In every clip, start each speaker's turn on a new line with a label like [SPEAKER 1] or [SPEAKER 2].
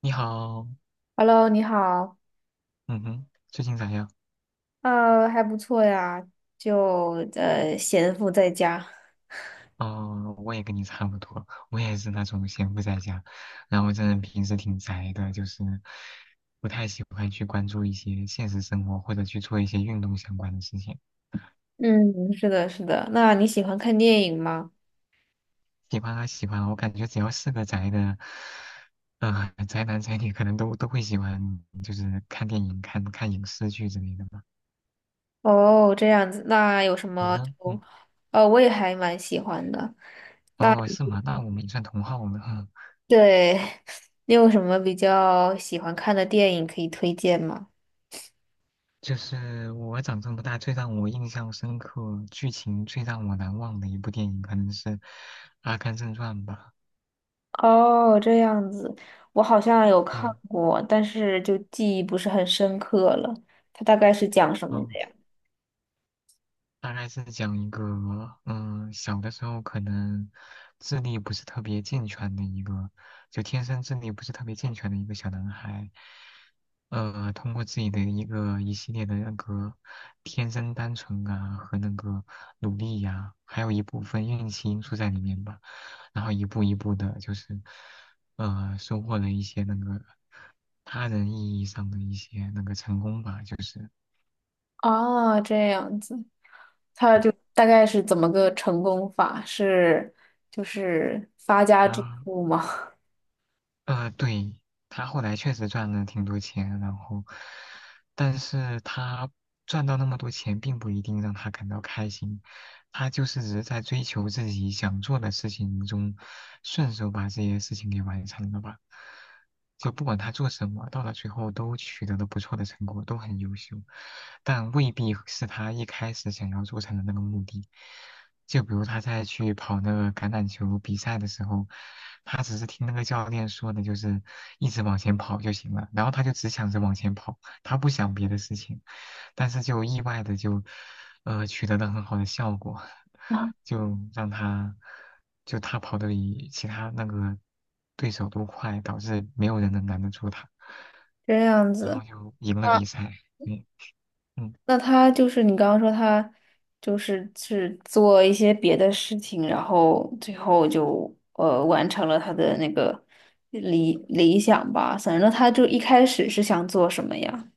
[SPEAKER 1] 你好，
[SPEAKER 2] Hello，你好，
[SPEAKER 1] 嗯哼，最近咋样？
[SPEAKER 2] 还不错呀，就闲赋在家。
[SPEAKER 1] 哦，我也跟你差不多，我也是那种闲不在家，然后这人平时挺宅的，就是不太喜欢去关注一些现实生活或者去做一些运动相关的事情。
[SPEAKER 2] 嗯，是的，是的。那你喜欢看电影吗？
[SPEAKER 1] 喜欢啊喜欢啊，我感觉只要是个宅的，宅男宅女可能都会喜欢，就是看电影、看看影视剧之类的吧。
[SPEAKER 2] 哦，这样子，那有什
[SPEAKER 1] 你
[SPEAKER 2] 么
[SPEAKER 1] 呢？
[SPEAKER 2] 就，
[SPEAKER 1] 嗯，
[SPEAKER 2] 我也还蛮喜欢的。
[SPEAKER 1] 哦，是吗？那我们也算同好了。嗯，
[SPEAKER 2] 对，你有什么比较喜欢看的电影可以推荐吗？
[SPEAKER 1] 就是我长这么大最让我印象深刻、剧情最让我难忘的一部电影，可能是《阿甘正传》吧。
[SPEAKER 2] 哦，这样子，我好像有看
[SPEAKER 1] 对，
[SPEAKER 2] 过，但是就记忆不是很深刻了。它大概是讲什么的
[SPEAKER 1] 嗯，
[SPEAKER 2] 呀？
[SPEAKER 1] 大概是讲一个，嗯，小的时候可能智力不是特别健全的一个，就天生智力不是特别健全的一个小男孩，通过自己的一个一系列的那个天生单纯啊和那个努力呀、还有一部分运气因素在里面吧，然后一步一步的，就是收获了一些那个他人意义上的一些那个成功吧，就是
[SPEAKER 2] 哦，这样子。他
[SPEAKER 1] 对
[SPEAKER 2] 就大概是怎么个成功法？是就是发家致
[SPEAKER 1] 他
[SPEAKER 2] 富吗？
[SPEAKER 1] 对，他后来确实赚了挺多钱，然后，但是他赚到那么多钱，并不一定让他感到开心，他就是只是在追求自己想做的事情中，顺手把这些事情给完成了吧。就不管他做什么，到了最后都取得了不错的成果，都很优秀，但未必是他一开始想要做成的那个目的。就比如他在去跑那个橄榄球比赛的时候，他只是听那个教练说的，就是一直往前跑就行了，然后他就只想着往前跑，他不想别的事情，但是就意外的就，取得了很好的效果，就让他，就他跑得比其他那个对手都快，导致没有人能拦得住他，
[SPEAKER 2] 这样
[SPEAKER 1] 然
[SPEAKER 2] 子，
[SPEAKER 1] 后就赢了
[SPEAKER 2] 那
[SPEAKER 1] 比赛。嗯嗯。
[SPEAKER 2] 那他就是你刚刚说他就是做一些别的事情，然后最后就完成了他的那个理想吧。反正他就一开始是想做什么呀？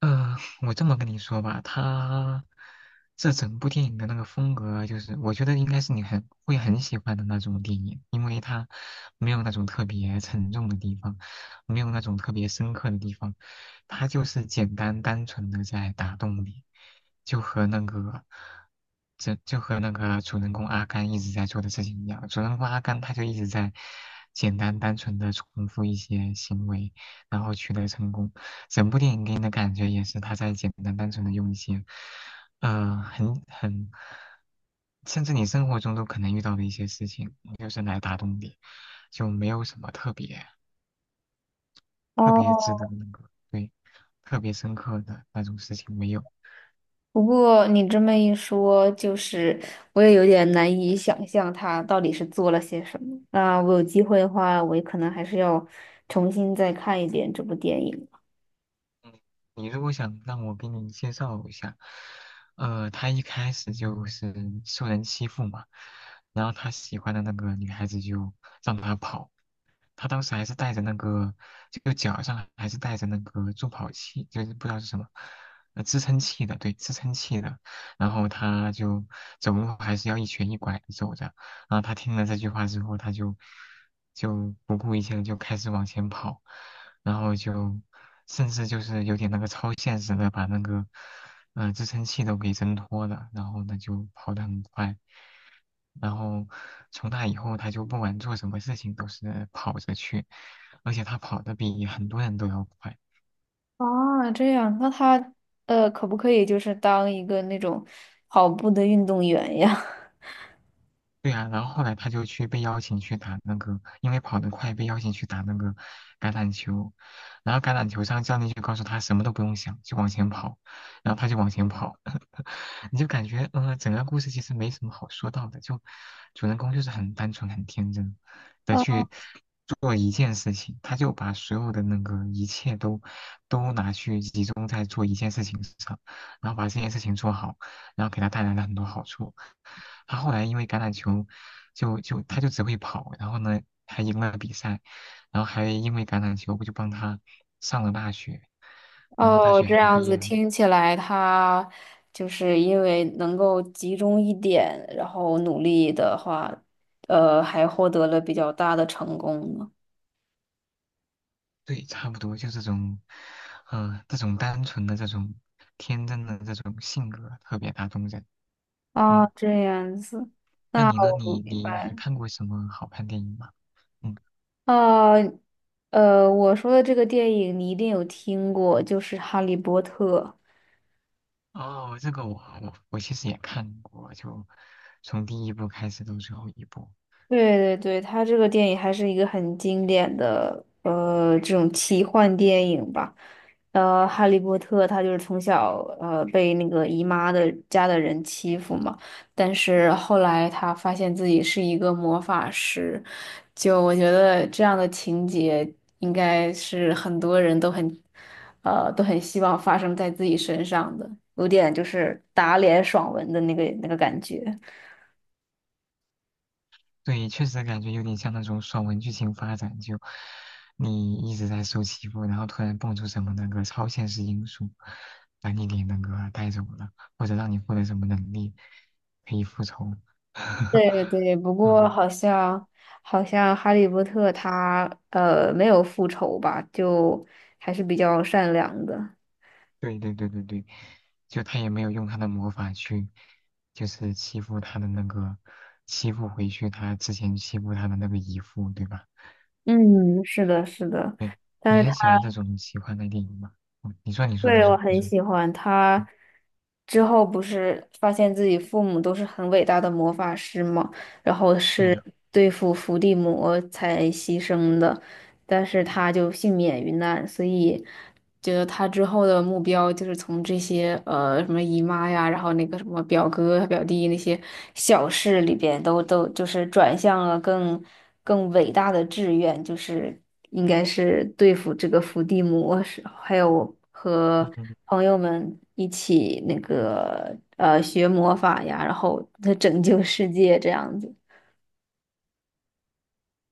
[SPEAKER 1] 呃，我这么跟你说吧，他这整部电影的那个风格，就是我觉得应该是你很喜欢的那种电影，因为它没有那种特别沉重的地方，没有那种特别深刻的地方，它就是简单单纯的在打动你，就和那个，这就和那个主人公阿甘一直在做的事情一样，主人公阿甘他就一直在简单单纯的重复一些行为，然后取得成功。整部电影给你的感觉也是他在简单单纯的用一些，呃，很很，甚至你生活中都可能遇到的一些事情，就是来打动你，就没有什么特别特别
[SPEAKER 2] 哦，
[SPEAKER 1] 值得那个对特别深刻的那种事情没有。
[SPEAKER 2] 不过你这么一说，就是我也有点难以想象他到底是做了些什么。那我有机会的话，我也可能还是要重新再看一遍这部电影。
[SPEAKER 1] 你如果想让我给你介绍一下，他一开始就是受人欺负嘛，然后他喜欢的那个女孩子就让他跑。他当时还是带着那个，就脚上还是带着那个助跑器，就是不知道是什么，支撑器的，对，支撑器的。然后他就走路还是要一瘸一拐的走着。然后他听了这句话之后，他就不顾一切的就开始往前跑，然后就甚至就是有点那个超现实的把那个嗯，支撑器都给挣脱了，然后呢就跑得很快，然后从那以后他就不管做什么事情都是跑着去，而且他跑得比很多人都要快。
[SPEAKER 2] 啊，这样，那他可不可以就是当一个那种跑步的运动员呀？
[SPEAKER 1] 对呀、然后后来他就去被邀请去打那个，因为跑得快被邀请去打那个橄榄球，然后橄榄球上教练就告诉他什么都不用想，就往前跑，然后他就往前跑，你就感觉嗯、整个故事其实没什么好说到的，就主人公就是很单纯很天真的
[SPEAKER 2] 呃
[SPEAKER 1] 去做一件事情，他就把所有的那个一切都拿去集中在做一件事情上，然后把这件事情做好，然后给他带来了很多好处。他后来因为橄榄球就他就只会跑，然后呢还赢了比赛，然后还因为橄榄球不就帮他上了大学，然后大
[SPEAKER 2] 哦，哦
[SPEAKER 1] 学
[SPEAKER 2] 这
[SPEAKER 1] 还
[SPEAKER 2] 样
[SPEAKER 1] 毕
[SPEAKER 2] 子
[SPEAKER 1] 业了。
[SPEAKER 2] 听起来，他就是因为能够集中一点，然后努力的话，还获得了比较大的成功呢。
[SPEAKER 1] 对，差不多就这种，这种单纯的这种天真的这种性格特别打动人。嗯，
[SPEAKER 2] 哦，这样子，
[SPEAKER 1] 那
[SPEAKER 2] 那
[SPEAKER 1] 你呢？
[SPEAKER 2] 我
[SPEAKER 1] 你
[SPEAKER 2] 明
[SPEAKER 1] 你
[SPEAKER 2] 白
[SPEAKER 1] 还
[SPEAKER 2] 了。
[SPEAKER 1] 看过什么好看电影吗？嗯，
[SPEAKER 2] 哦，我说的这个电影你一定有听过，就是《哈利波特》。
[SPEAKER 1] 哦，这个我我其实也看过，就从第一部开始到最后一部。
[SPEAKER 2] 对对对，他这个电影还是一个很经典的这种奇幻电影吧。呃，哈利波特他就是从小被那个姨妈的家的人欺负嘛，但是后来他发现自己是一个魔法师，就我觉得这样的情节应该是很多人都很都很希望发生在自己身上的，有点就是打脸爽文的那个那个感觉。
[SPEAKER 1] 对，确实感觉有点像那种爽文剧情发展，就你一直在受欺负，然后突然蹦出什么那个超现实因素，把你给那个带走了，或者让你获得什么能力可以复仇。
[SPEAKER 2] 对对，不过
[SPEAKER 1] 嗯，
[SPEAKER 2] 好像好像哈利波特他没有复仇吧，就还是比较善良的。
[SPEAKER 1] 对对对对对，就他也没有用他的魔法去，就是欺负他的那个，欺负回去他之前欺负他的那个姨父，对吧？
[SPEAKER 2] 嗯，是的，是的，
[SPEAKER 1] 对，
[SPEAKER 2] 但
[SPEAKER 1] 你
[SPEAKER 2] 是
[SPEAKER 1] 还喜
[SPEAKER 2] 他
[SPEAKER 1] 欢这种奇幻的电影吗？嗯，你说，你说，你
[SPEAKER 2] 对我
[SPEAKER 1] 说，你
[SPEAKER 2] 很
[SPEAKER 1] 说，
[SPEAKER 2] 喜欢他。
[SPEAKER 1] 嗯，
[SPEAKER 2] 之后不是发现自己父母都是很伟大的魔法师嘛，然后
[SPEAKER 1] 对
[SPEAKER 2] 是
[SPEAKER 1] 的。
[SPEAKER 2] 对付伏地魔才牺牲的，但是他就幸免于难，所以觉得他之后的目标就是从这些什么姨妈呀，然后那个什么表哥啊表弟那些小事里边都就是转向了更伟大的志愿，就是应该是对付这个伏地魔时，还有和
[SPEAKER 1] 嗯，
[SPEAKER 2] 朋友们一起那个学魔法呀，然后他拯救世界这样子。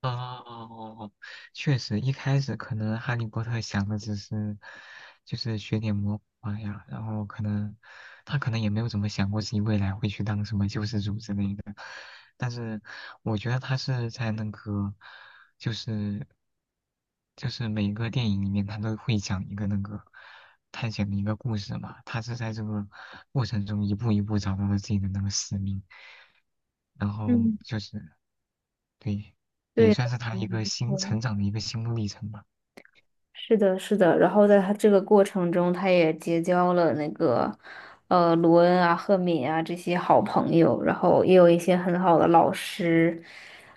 [SPEAKER 1] 哦，哦哦确实，一开始可能哈利波特想的只是，就是学点魔法呀，然后可能他可能也没有怎么想过自己未来会去当什么救世主之类的，但是我觉得他是在那个，就是就是每个电影里面他都会讲一个那个探险的一个故事嘛，他是在这个过程中一步一步找到了自己的那个使命。然后
[SPEAKER 2] 嗯，
[SPEAKER 1] 就是对，也
[SPEAKER 2] 对的，
[SPEAKER 1] 算是他一
[SPEAKER 2] 嗯
[SPEAKER 1] 个
[SPEAKER 2] 没
[SPEAKER 1] 新
[SPEAKER 2] 错
[SPEAKER 1] 成长的一个心路历程吧。
[SPEAKER 2] 是的，是的。然后在他这个过程中，他也结交了那个，呃，罗恩啊、赫敏啊这些好朋友，然后也有一些很好的老师，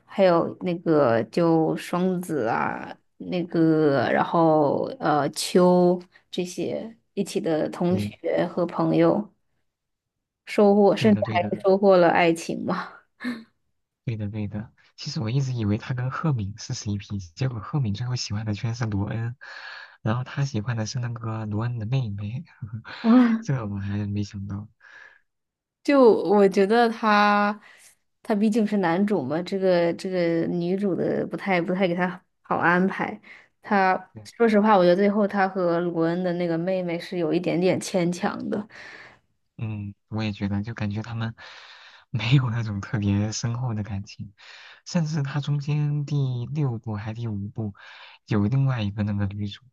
[SPEAKER 2] 还有那个就双子啊，那个然后秋这些一起的同
[SPEAKER 1] 对，
[SPEAKER 2] 学和朋友，收获
[SPEAKER 1] 对
[SPEAKER 2] 甚至
[SPEAKER 1] 的，对的，
[SPEAKER 2] 还收获了爱情嘛。
[SPEAKER 1] 对的，对的。其实我一直以为他跟赫敏是 CP，结果赫敏最后喜欢的居然是罗恩，然后他喜欢的是那个罗恩的妹妹，
[SPEAKER 2] 啊。
[SPEAKER 1] 这个我还没想到。
[SPEAKER 2] 就我觉得他，他毕竟是男主嘛，这个这个女主的不太给他好安排。他
[SPEAKER 1] 对
[SPEAKER 2] 说实话，我觉得最后他和鲁恩的那个妹妹是有一点点牵强的。
[SPEAKER 1] 嗯，我也觉得，就感觉他们 没有那种特别深厚的感情，甚至他中间第六部还第五部有另外一个那个女主，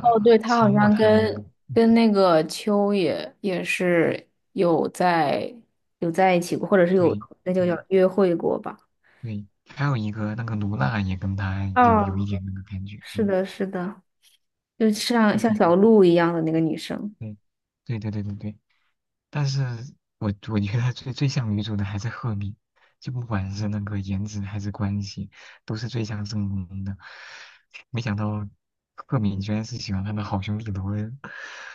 [SPEAKER 2] 哦，对，他好
[SPEAKER 1] 亲过
[SPEAKER 2] 像
[SPEAKER 1] 他的那个，
[SPEAKER 2] 跟
[SPEAKER 1] 嗯
[SPEAKER 2] 跟那个秋也也是有在有在一起过，或者是有
[SPEAKER 1] 对。
[SPEAKER 2] 那就叫
[SPEAKER 1] 对
[SPEAKER 2] 约会过吧。
[SPEAKER 1] 对，还有一个那个卢娜也跟他有一
[SPEAKER 2] 哦，
[SPEAKER 1] 点那个感觉，对，
[SPEAKER 2] 是的，是的，就像
[SPEAKER 1] 就
[SPEAKER 2] 像
[SPEAKER 1] 是
[SPEAKER 2] 小鹿一样的那个女生。
[SPEAKER 1] 对，对对对对对。但是我觉得最最像女主的还是赫敏，就不管是那个颜值还是关系，都是最像正宫的。没想到赫敏居然是喜欢他的好兄弟罗恩，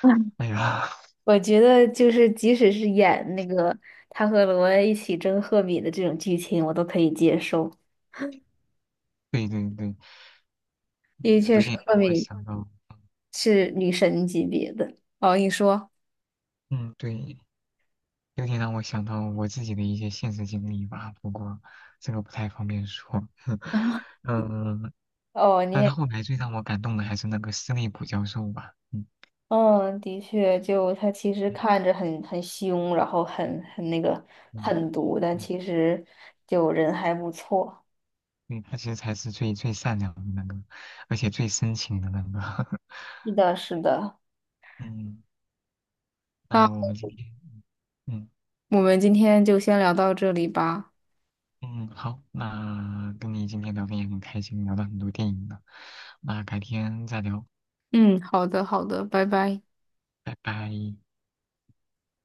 [SPEAKER 1] 哎呀，
[SPEAKER 2] 我觉得就是，即使是演那个他和罗恩一起争赫敏的这种剧情，我都可以接受，
[SPEAKER 1] 对对对，
[SPEAKER 2] 因为
[SPEAKER 1] 嗯
[SPEAKER 2] 确
[SPEAKER 1] 有
[SPEAKER 2] 实
[SPEAKER 1] 点
[SPEAKER 2] 赫
[SPEAKER 1] 让我
[SPEAKER 2] 敏
[SPEAKER 1] 想到，
[SPEAKER 2] 是女神级别的。哦，你说，
[SPEAKER 1] 嗯，对，有点让我想到我自己的一些现实经历吧，不过这个不太方便说。嗯，
[SPEAKER 2] 哦，你
[SPEAKER 1] 但是
[SPEAKER 2] 也，
[SPEAKER 1] 后来最让我感动的还是那个斯内普教授吧。嗯
[SPEAKER 2] 嗯，的确，就他其实
[SPEAKER 1] 嗯
[SPEAKER 2] 看着很凶，然后很那个
[SPEAKER 1] 嗯，
[SPEAKER 2] 狠毒，但
[SPEAKER 1] 对
[SPEAKER 2] 其实就人还不错。
[SPEAKER 1] 对，他其实才是最最善良的那个，而且最深情的那个。
[SPEAKER 2] 是的，是的，
[SPEAKER 1] 嗯，那我
[SPEAKER 2] 那
[SPEAKER 1] 们今天，嗯
[SPEAKER 2] 我们今天就先聊到这里吧。
[SPEAKER 1] 嗯，好，那跟你今天聊天也很开心，聊了很多电影呢。那改天再聊，
[SPEAKER 2] 嗯，好的，好的，拜拜。
[SPEAKER 1] 拜拜。